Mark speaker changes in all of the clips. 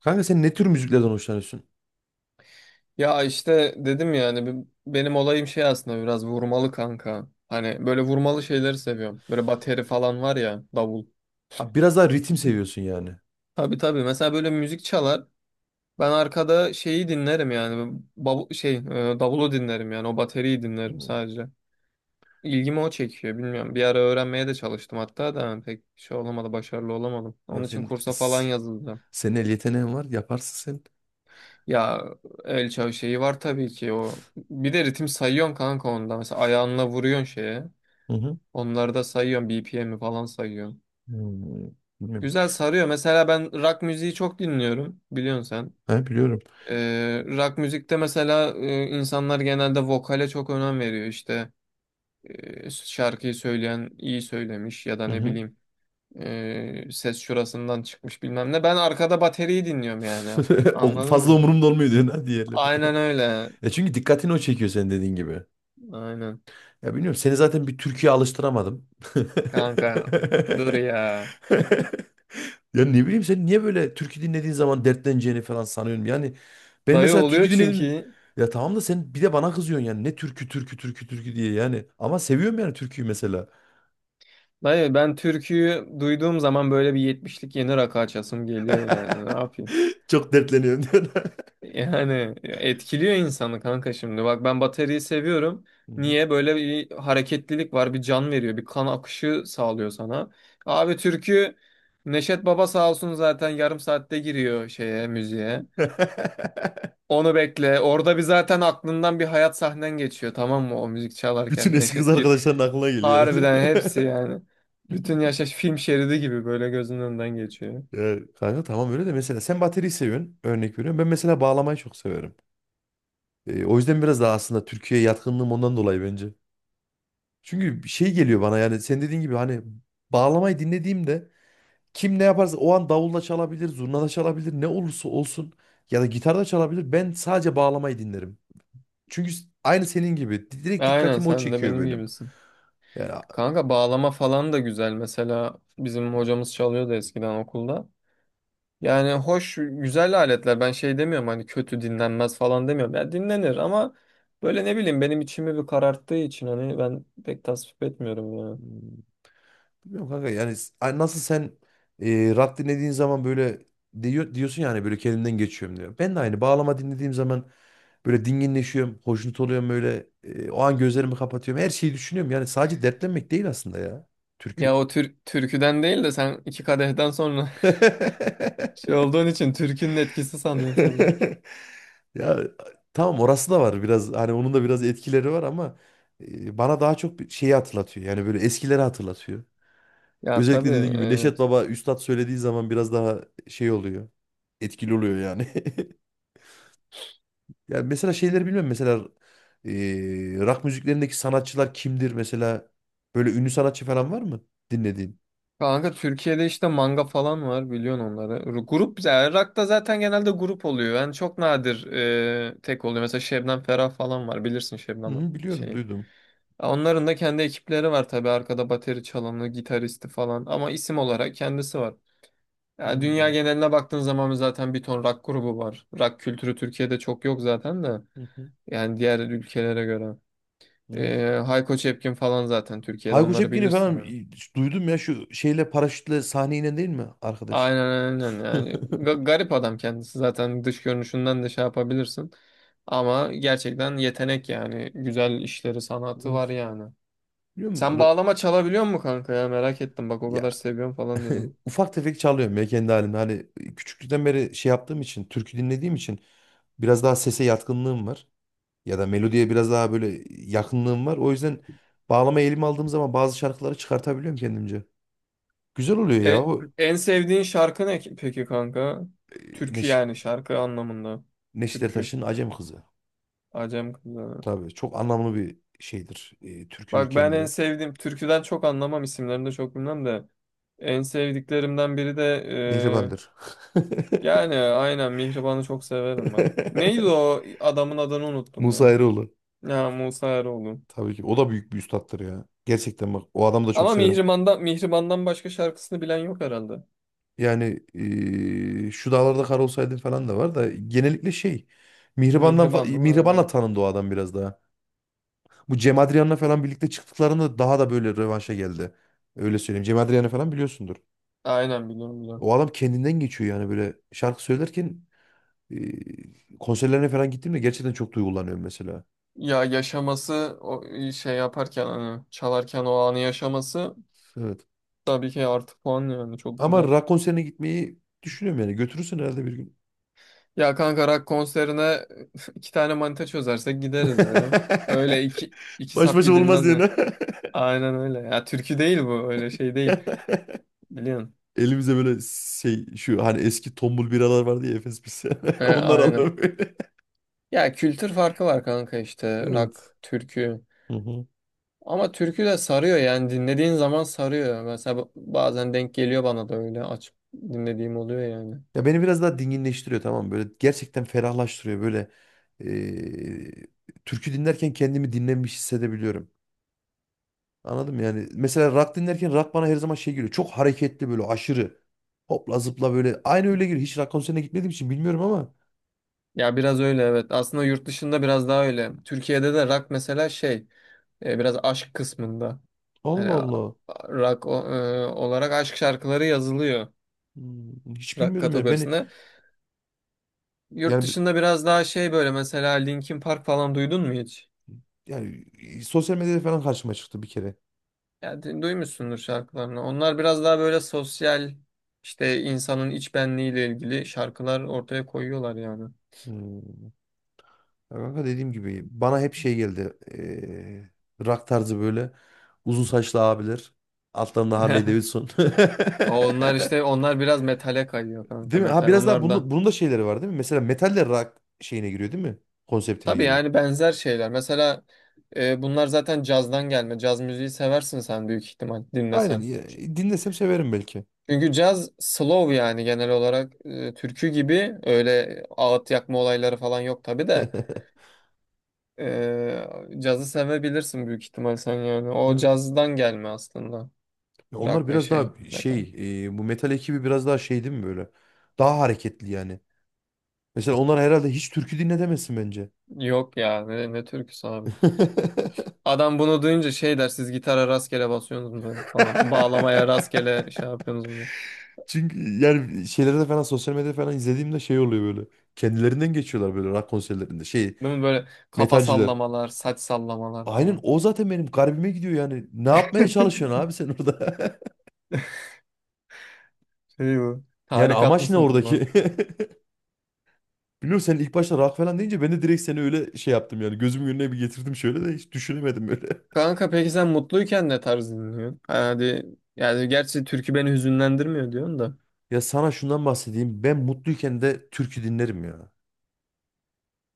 Speaker 1: Kanka sen ne tür müziklerden hoşlanıyorsun?
Speaker 2: Ya işte dedim yani benim olayım şey aslında biraz vurmalı kanka. Hani böyle vurmalı şeyleri seviyorum. Böyle bateri falan var ya davul.
Speaker 1: Ha, biraz daha ritim seviyorsun yani.
Speaker 2: Tabii tabii mesela böyle müzik çalar. Ben arkada şeyi dinlerim yani davulu dinlerim yani o bateriyi dinlerim
Speaker 1: Hmm.
Speaker 2: sadece. İlgimi o çekiyor bilmiyorum. Bir ara öğrenmeye de çalıştım hatta da pek şey olamadı başarılı olamadım.
Speaker 1: Ya
Speaker 2: Onun için
Speaker 1: sen
Speaker 2: kursa falan
Speaker 1: s-
Speaker 2: yazıldım.
Speaker 1: Senin el yeteneğin var, yaparsın sen.
Speaker 2: Ya el çağı şeyi var tabii ki o. Bir de ritim sayıyorsun kanka onda. Mesela ayağınla vuruyorsun şeye.
Speaker 1: Hı hı.
Speaker 2: Onları da sayıyorum. BPM'i falan sayıyorum.
Speaker 1: Hmm. Bilmiyorum.
Speaker 2: Güzel sarıyor. Mesela ben rock müziği çok dinliyorum. Biliyorsun sen.
Speaker 1: Ha, biliyorum.
Speaker 2: Rock müzikte mesela insanlar genelde vokale çok önem veriyor. İşte şarkıyı söyleyen iyi söylemiş ya da
Speaker 1: Hı
Speaker 2: ne
Speaker 1: hı.
Speaker 2: bileyim ses şurasından çıkmış bilmem ne. Ben arkada bateriyi dinliyorum yani.
Speaker 1: O
Speaker 2: Anladın
Speaker 1: fazla
Speaker 2: mı?
Speaker 1: umurumda olmuyor diyorsun ha, diğerleri.
Speaker 2: Aynen öyle.
Speaker 1: E çünkü dikkatini o çekiyor, senin dediğin gibi.
Speaker 2: Aynen.
Speaker 1: Ya bilmiyorum, seni zaten bir Türkiye alıştıramadım.
Speaker 2: Kanka dur ya.
Speaker 1: Ya ne bileyim, sen niye böyle türkü dinlediğin zaman dertleneceğini falan sanıyorum. Yani ben
Speaker 2: Dayı
Speaker 1: mesela türkü
Speaker 2: oluyor
Speaker 1: dinledim.
Speaker 2: çünkü.
Speaker 1: Ya tamam da sen bir de bana kızıyorsun yani. Ne türkü türkü türkü türkü diye yani. Ama seviyorum yani türküyü mesela.
Speaker 2: Dayı ben türküyü duyduğum zaman böyle bir yetmişlik yeni rakı açasım geliyor yani. Ne yapayım?
Speaker 1: Çok dertleniyorum diyorsun.
Speaker 2: Yani etkiliyor insanı kanka şimdi. Bak ben bataryayı seviyorum.
Speaker 1: Hı hı.
Speaker 2: Niye? Böyle bir hareketlilik var, bir can veriyor, bir kan akışı sağlıyor sana. Abi türkü Neşet Baba sağ olsun zaten yarım saatte giriyor şeye, müziğe. Onu bekle. Orada bir zaten aklından bir hayat sahnen geçiyor, tamam mı? O müzik
Speaker 1: Bütün
Speaker 2: çalarken
Speaker 1: eski kız
Speaker 2: Neşet gir.
Speaker 1: arkadaşların aklına geliyor herhalde.
Speaker 2: Harbiden hepsi yani. Bütün yaşaş film şeridi gibi böyle gözünün önünden geçiyor.
Speaker 1: Ya kanka tamam, öyle de mesela sen bateriyi seviyorsun. Örnek veriyorum. Ben mesela bağlamayı çok severim. O yüzden biraz daha aslında Türkiye'ye yatkınlığım ondan dolayı bence. Çünkü şey geliyor bana, yani sen dediğin gibi hani bağlamayı dinlediğimde, kim ne yaparsa o an davulla çalabilir, zurna da çalabilir, ne olursa olsun ya da gitar da çalabilir. Ben sadece bağlamayı dinlerim. Aynı senin gibi direkt
Speaker 2: Aynen
Speaker 1: dikkatimi o
Speaker 2: sen de
Speaker 1: çekiyor
Speaker 2: benim
Speaker 1: benim.
Speaker 2: gibisin.
Speaker 1: Yani a-
Speaker 2: Kanka bağlama falan da güzel. Mesela bizim hocamız çalıyordu eskiden okulda. Yani hoş, güzel aletler. Ben şey demiyorum, hani kötü dinlenmez falan demiyorum. Ya dinlenir ama böyle ne bileyim benim içimi bir kararttığı için hani ben pek tasvip etmiyorum ya.
Speaker 1: Bilmiyorum kanka, yani nasıl sen rap dinlediğin zaman böyle diyorsun yani, böyle kendimden geçiyorum diyor. Ben de aynı bağlama dinlediğim zaman böyle dinginleşiyorum, hoşnut oluyorum böyle, o an gözlerimi kapatıyorum. Her şeyi düşünüyorum. Yani sadece dertlenmek değil aslında ya,
Speaker 2: Ya
Speaker 1: türkü.
Speaker 2: o tür türküden değil de sen iki kadehten sonra şey olduğun için türkünün etkisi sanıyorsun sen.
Speaker 1: Ya tamam, orası da var biraz, hani onun da biraz etkileri var ama bana daha çok bir şeyi hatırlatıyor. Yani böyle eskileri hatırlatıyor.
Speaker 2: Ya tabii,
Speaker 1: Özellikle dediğim gibi Neşet
Speaker 2: evet.
Speaker 1: Baba Üstad söylediği zaman biraz daha şey oluyor. Etkili oluyor yani. Ya mesela şeyleri bilmiyorum, mesela e, rock müziklerindeki sanatçılar kimdir mesela, böyle ünlü sanatçı falan var mı dinlediğin?
Speaker 2: Kanka Türkiye'de işte manga falan var, biliyorsun onları. Grup yani rock'ta zaten genelde grup oluyor. Yani çok nadir tek oluyor. Mesela Şebnem Ferah falan var, bilirsin Şebnem
Speaker 1: Hı, biliyorum,
Speaker 2: şeyi.
Speaker 1: duydum.
Speaker 2: Onların da kendi ekipleri var tabii, arkada bateri çalanı, gitaristi falan, ama isim olarak kendisi var. Yani dünya
Speaker 1: Hı,
Speaker 2: geneline baktığın zaman zaten bir ton rock grubu var. Rock kültürü Türkiye'de çok yok zaten de.
Speaker 1: hı, hı,
Speaker 2: Yani diğer ülkelere göre.
Speaker 1: evet.
Speaker 2: Hayko Cepkin falan zaten Türkiye'de
Speaker 1: Hayko
Speaker 2: onları
Speaker 1: Cepkin'i
Speaker 2: bilirsin
Speaker 1: falan
Speaker 2: yani.
Speaker 1: duydum ya, şu şeyle paraşütle sahneye inen değil mi arkadaş?
Speaker 2: Aynen, aynen, yani Garip adam kendisi, zaten dış görünüşünden de şey yapabilirsin ama gerçekten yetenek yani, güzel işleri, sanatı var
Speaker 1: Evet.
Speaker 2: yani.
Speaker 1: Biliyor musun?
Speaker 2: Sen bağlama çalabiliyor musun kanka, ya merak ettim bak, o
Speaker 1: Ya,
Speaker 2: kadar seviyorum falan dedim.
Speaker 1: Ufak tefek çalıyorum ya, kendi halimde. Hani küçüklükten beri şey yaptığım için, türkü dinlediğim için biraz daha sese yatkınlığım var. Ya da melodiye biraz daha böyle yakınlığım var. O yüzden bağlama elime aldığım zaman bazı şarkıları çıkartabiliyorum kendimce. Güzel oluyor ya
Speaker 2: E,
Speaker 1: o,
Speaker 2: En sevdiğin şarkı ne peki kanka?
Speaker 1: e,
Speaker 2: Türkü
Speaker 1: Neş
Speaker 2: yani, şarkı anlamında.
Speaker 1: Neşet
Speaker 2: Türkü.
Speaker 1: Ertaş'ın Acem Kızı.
Speaker 2: Acem kızı.
Speaker 1: Tabii çok anlamlı bir şeydir. E, türküdür
Speaker 2: Bak ben en
Speaker 1: kendileri.
Speaker 2: sevdiğim türküden çok anlamam, isimlerini de çok bilmem de en sevdiklerimden biri de.
Speaker 1: Mihriban'dır.
Speaker 2: Yani aynen Mihriban'ı çok severim ben. Neydi o adamın adını unuttum
Speaker 1: Musa
Speaker 2: ya.
Speaker 1: Eroğlu.
Speaker 2: Ya Musa Eroğlu.
Speaker 1: Tabii ki. O da büyük bir üstattır ya. Gerçekten bak, o adamı da çok
Speaker 2: Ama
Speaker 1: severim.
Speaker 2: Mihriban'dan başka şarkısını bilen yok herhalde.
Speaker 1: Yani şu dağlarda kar olsaydın falan da var, da genellikle şey,
Speaker 2: Mihriban, değil mi?
Speaker 1: Mihriban'la
Speaker 2: Aynen.
Speaker 1: tanındı o adam biraz daha. Bu Cem Adrian'la falan birlikte çıktıklarında daha da böyle rövanşa geldi. Öyle söyleyeyim. Cem Adrian'ı falan biliyorsundur.
Speaker 2: Aynen, biliyorum biliyorum.
Speaker 1: O adam kendinden geçiyor yani, böyle şarkı söylerken eee konserlerine falan gittiğimde gerçekten çok duygulanıyorum mesela.
Speaker 2: Ya yaşaması o şey yaparken, hani çalarken o anı yaşaması
Speaker 1: Evet.
Speaker 2: tabii ki artı puan yani, çok
Speaker 1: Ama
Speaker 2: güzel.
Speaker 1: rock konserine gitmeyi düşünüyorum yani. Götürürsün herhalde bir gün.
Speaker 2: Ya kanka rock konserine iki tane manita çözersek gideriz ya. Öyle iki
Speaker 1: Baş
Speaker 2: sap
Speaker 1: başa olmaz
Speaker 2: gidilmez ya.
Speaker 1: yani.
Speaker 2: Aynen öyle. Ya türkü değil bu, öyle şey değil. Biliyorsun.
Speaker 1: Elimize böyle şey, şu hani eski tombul biralar vardı ya, Efes biz. Onlar
Speaker 2: Aynen.
Speaker 1: alalım böyle.
Speaker 2: Ya kültür farkı var kanka, işte
Speaker 1: Evet.
Speaker 2: rock, türkü.
Speaker 1: Hı hı.
Speaker 2: Ama türkü de sarıyor yani, dinlediğin zaman sarıyor. Mesela bazen denk geliyor bana da, öyle açıp dinlediğim oluyor yani.
Speaker 1: Ya beni biraz daha dinginleştiriyor, tamam mı? Böyle gerçekten ferahlaştırıyor böyle. eee, Türkü dinlerken kendimi dinlenmiş hissedebiliyorum. Anladın mı yani. Mesela rock dinlerken rock bana her zaman şey geliyor. Çok hareketli böyle, aşırı. Hopla zıpla böyle. Aynı öyle geliyor. Hiç rock konserine gitmediğim için bilmiyorum ama.
Speaker 2: Ya biraz öyle, evet. Aslında yurt dışında biraz daha öyle. Türkiye'de de rock mesela şey biraz aşk kısmında. Hani
Speaker 1: Allah Allah.
Speaker 2: rock olarak aşk şarkıları yazılıyor
Speaker 1: Hmm, hiç
Speaker 2: rock
Speaker 1: bilmiyordum ya.
Speaker 2: kategorisinde. Yurt
Speaker 1: Yani, bi-
Speaker 2: dışında biraz daha şey böyle, mesela Linkin Park falan duydun mu hiç?
Speaker 1: Yani sosyal medyada falan karşıma çıktı bir kere.
Speaker 2: Ya duymuşsundur şarkılarını. Onlar biraz daha böyle sosyal, işte insanın iç benliğiyle ilgili şarkılar ortaya koyuyorlar yani.
Speaker 1: Hmm. Ya kanka, dediğim gibi bana hep şey geldi. Rock tarzı, böyle uzun saçlı abiler. Altlarında Harley Davidson.
Speaker 2: Ama onlar biraz metale kayıyor kanka,
Speaker 1: Değil mi? Ha
Speaker 2: metal.
Speaker 1: biraz daha
Speaker 2: Onlar da
Speaker 1: bunun da şeyleri var değil mi? Mesela metal de rock şeyine giriyor değil mi? Konseptine
Speaker 2: tabii,
Speaker 1: giriyor.
Speaker 2: yani benzer şeyler. Mesela bunlar zaten cazdan gelme. Caz müziği seversin sen büyük ihtimal
Speaker 1: Aynen.
Speaker 2: dinlesen.
Speaker 1: Dinlesem severim belki.
Speaker 2: Çünkü caz slow yani, genel olarak türkü gibi öyle ağıt yakma olayları falan yok tabii de. Ee, Cazı sevebilirsin büyük ihtimal sen yani. O
Speaker 1: Evet.
Speaker 2: cazdan gelme aslında.
Speaker 1: Ya onlar
Speaker 2: Rock ve
Speaker 1: biraz
Speaker 2: şey
Speaker 1: daha
Speaker 2: metal.
Speaker 1: şey, bu metal ekibi biraz daha şey değil mi böyle? Daha hareketli yani. Mesela onlar herhalde hiç türkü dinle demezsin bence.
Speaker 2: Yok ya, ne türküsü abi. Adam bunu duyunca şey der, siz gitara rastgele basıyorsunuz mu böyle falan. Bağlamaya rastgele şey yapıyorsunuz mu?
Speaker 1: Çünkü yani şeylerde falan, sosyal medyada falan izlediğimde şey oluyor böyle. Kendilerinden geçiyorlar böyle rock konserlerinde. Şey,
Speaker 2: Değil mi, böyle kafa
Speaker 1: metalciler.
Speaker 2: sallamalar, saç sallamalar
Speaker 1: Aynen,
Speaker 2: falan.
Speaker 1: o zaten benim garibime gidiyor yani. Ne yapmaya çalışıyorsun abi sen orada?
Speaker 2: Şey bu.
Speaker 1: Yani
Speaker 2: Tarikat
Speaker 1: amaç ne
Speaker 2: mısınız lan?
Speaker 1: oradaki? Biliyorum, sen ilk başta rock falan deyince ben de direkt seni öyle şey yaptım yani. Gözümün önüne bir getirdim şöyle de hiç düşünemedim böyle.
Speaker 2: Kanka peki sen mutluyken ne tarz dinliyorsun? Hadi, yani gerçi türkü beni hüzünlendirmiyor diyorsun da.
Speaker 1: Ya sana şundan bahsedeyim. Ben mutluyken de türkü dinlerim ya.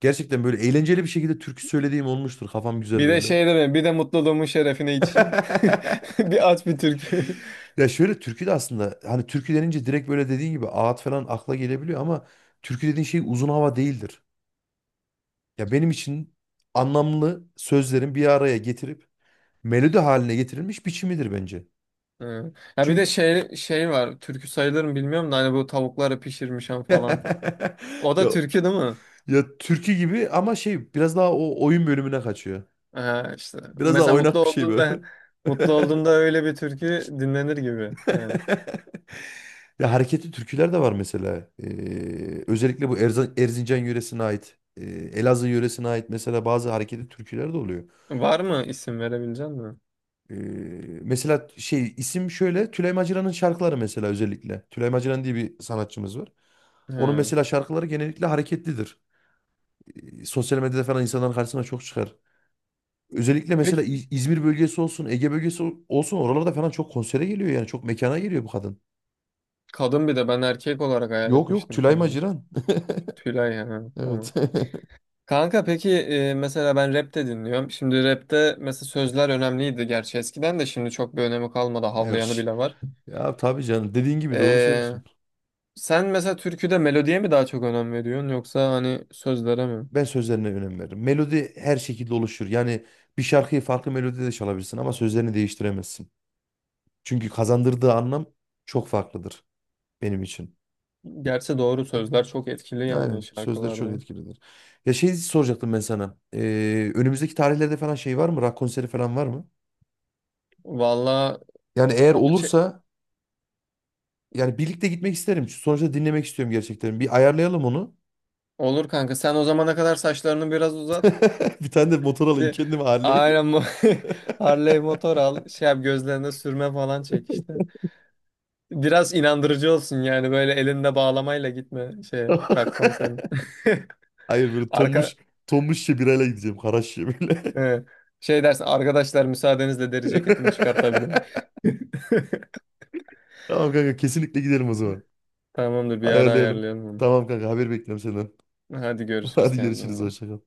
Speaker 1: Gerçekten böyle eğlenceli bir şekilde türkü söylediğim olmuştur. Kafam güzel
Speaker 2: Bir de
Speaker 1: böyle.
Speaker 2: şey dedim, bir de mutluluğumun şerefine içeyim. Bir aç bir türkü.
Speaker 1: Ya şöyle, türkü de aslında, hani türkü denince direkt böyle dediğin gibi ağıt falan akla gelebiliyor ama türkü dediğin şey uzun hava değildir. Ya benim için anlamlı sözlerin bir araya getirip melodi haline getirilmiş biçimidir bence.
Speaker 2: Hı. Ya bir de
Speaker 1: Çünkü
Speaker 2: şey var. Türkü sayılır mı bilmiyorum da, hani bu tavukları pişirmişim falan. O
Speaker 1: ya,
Speaker 2: da türkü değil mi?
Speaker 1: ya türkü gibi, ama şey biraz daha o oyun bölümüne kaçıyor.
Speaker 2: Ha, işte.
Speaker 1: Biraz daha
Speaker 2: Mesela mutlu
Speaker 1: oynak bir şey
Speaker 2: olduğunda
Speaker 1: böyle.
Speaker 2: mutlu olduğunda öyle bir türkü dinlenir gibi yani.
Speaker 1: Ya hareketli türküler de var mesela. Özellikle bu Erzincan yöresine ait, Elazığ yöresine ait mesela bazı hareketli türküler de oluyor.
Speaker 2: Var mı, isim verebilecek misin?
Speaker 1: Ee, Mesela şey, isim şöyle, Tülay Macira'nın şarkıları mesela, özellikle. Tülay Maciran diye bir sanatçımız var. Onun
Speaker 2: Hı.
Speaker 1: mesela şarkıları genellikle hareketlidir. Sosyal medyada falan insanların karşısına çok çıkar. Özellikle mesela
Speaker 2: Peki
Speaker 1: İzmir bölgesi olsun, Ege bölgesi olsun, oralarda falan çok konsere geliyor yani, çok mekana geliyor bu kadın.
Speaker 2: kadın, bir de ben erkek olarak hayal
Speaker 1: Yok yok,
Speaker 2: etmiştim
Speaker 1: Tülay
Speaker 2: şimdi.
Speaker 1: Maciran.
Speaker 2: Tülay, ha,
Speaker 1: Evet.
Speaker 2: tamam. Kanka peki mesela ben rap de dinliyorum. Şimdi rapte mesela sözler önemliydi, gerçi eskiden, de şimdi çok bir önemi kalmadı.
Speaker 1: Yok,
Speaker 2: Havlayanı bile var.
Speaker 1: ya tabii canım, dediğin gibi doğru
Speaker 2: E,
Speaker 1: söylüyorsun.
Speaker 2: Sen mesela türküde melodiye mi daha çok önem veriyorsun, yoksa hani sözlere mi?
Speaker 1: Ben sözlerine önem veririm. Melodi her şekilde oluşur. Yani bir şarkıyı farklı melodide de çalabilirsin ama sözlerini değiştiremezsin. Çünkü kazandırdığı anlam çok farklıdır benim için.
Speaker 2: Gerçi doğru, sözler çok etkili yani
Speaker 1: Aynen, sözleri çok
Speaker 2: şarkılarda.
Speaker 1: etkilidir. Ya şey soracaktım ben sana. Önümüzdeki tarihlerde falan şey var mı? Rock konseri falan var mı?
Speaker 2: Valla
Speaker 1: Yani eğer
Speaker 2: o şey,
Speaker 1: olursa yani birlikte gitmek isterim. Sonuçta dinlemek istiyorum gerçekten. Bir ayarlayalım onu.
Speaker 2: olur kanka, sen o zamana kadar saçlarını biraz uzat.
Speaker 1: Bir tane de motor alayım
Speaker 2: Bir
Speaker 1: kendime, Harley.
Speaker 2: Aynen, bu Harley motor al, şey yap, gözlerine sürme falan çek işte. Biraz inandırıcı olsun yani, böyle elinde bağlamayla gitme şey rock konserine.
Speaker 1: Hayır, böyle
Speaker 2: Arka
Speaker 1: tombuş tombuş şebirayla gideceğim. Karaş şebirle.
Speaker 2: e, Şey dersin, arkadaşlar müsaadenizle deri ceketimi çıkartabilirim.
Speaker 1: Tamam kanka, kesinlikle gidelim o zaman.
Speaker 2: Tamamdır, bir ara
Speaker 1: Ayarlayalım.
Speaker 2: ayarlayalım onu.
Speaker 1: Tamam kanka, haber bekliyorum senden.
Speaker 2: Hadi görüşürüz,
Speaker 1: Hadi
Speaker 2: kendine iyi
Speaker 1: görüşürüz,
Speaker 2: bak.
Speaker 1: hoşça kal.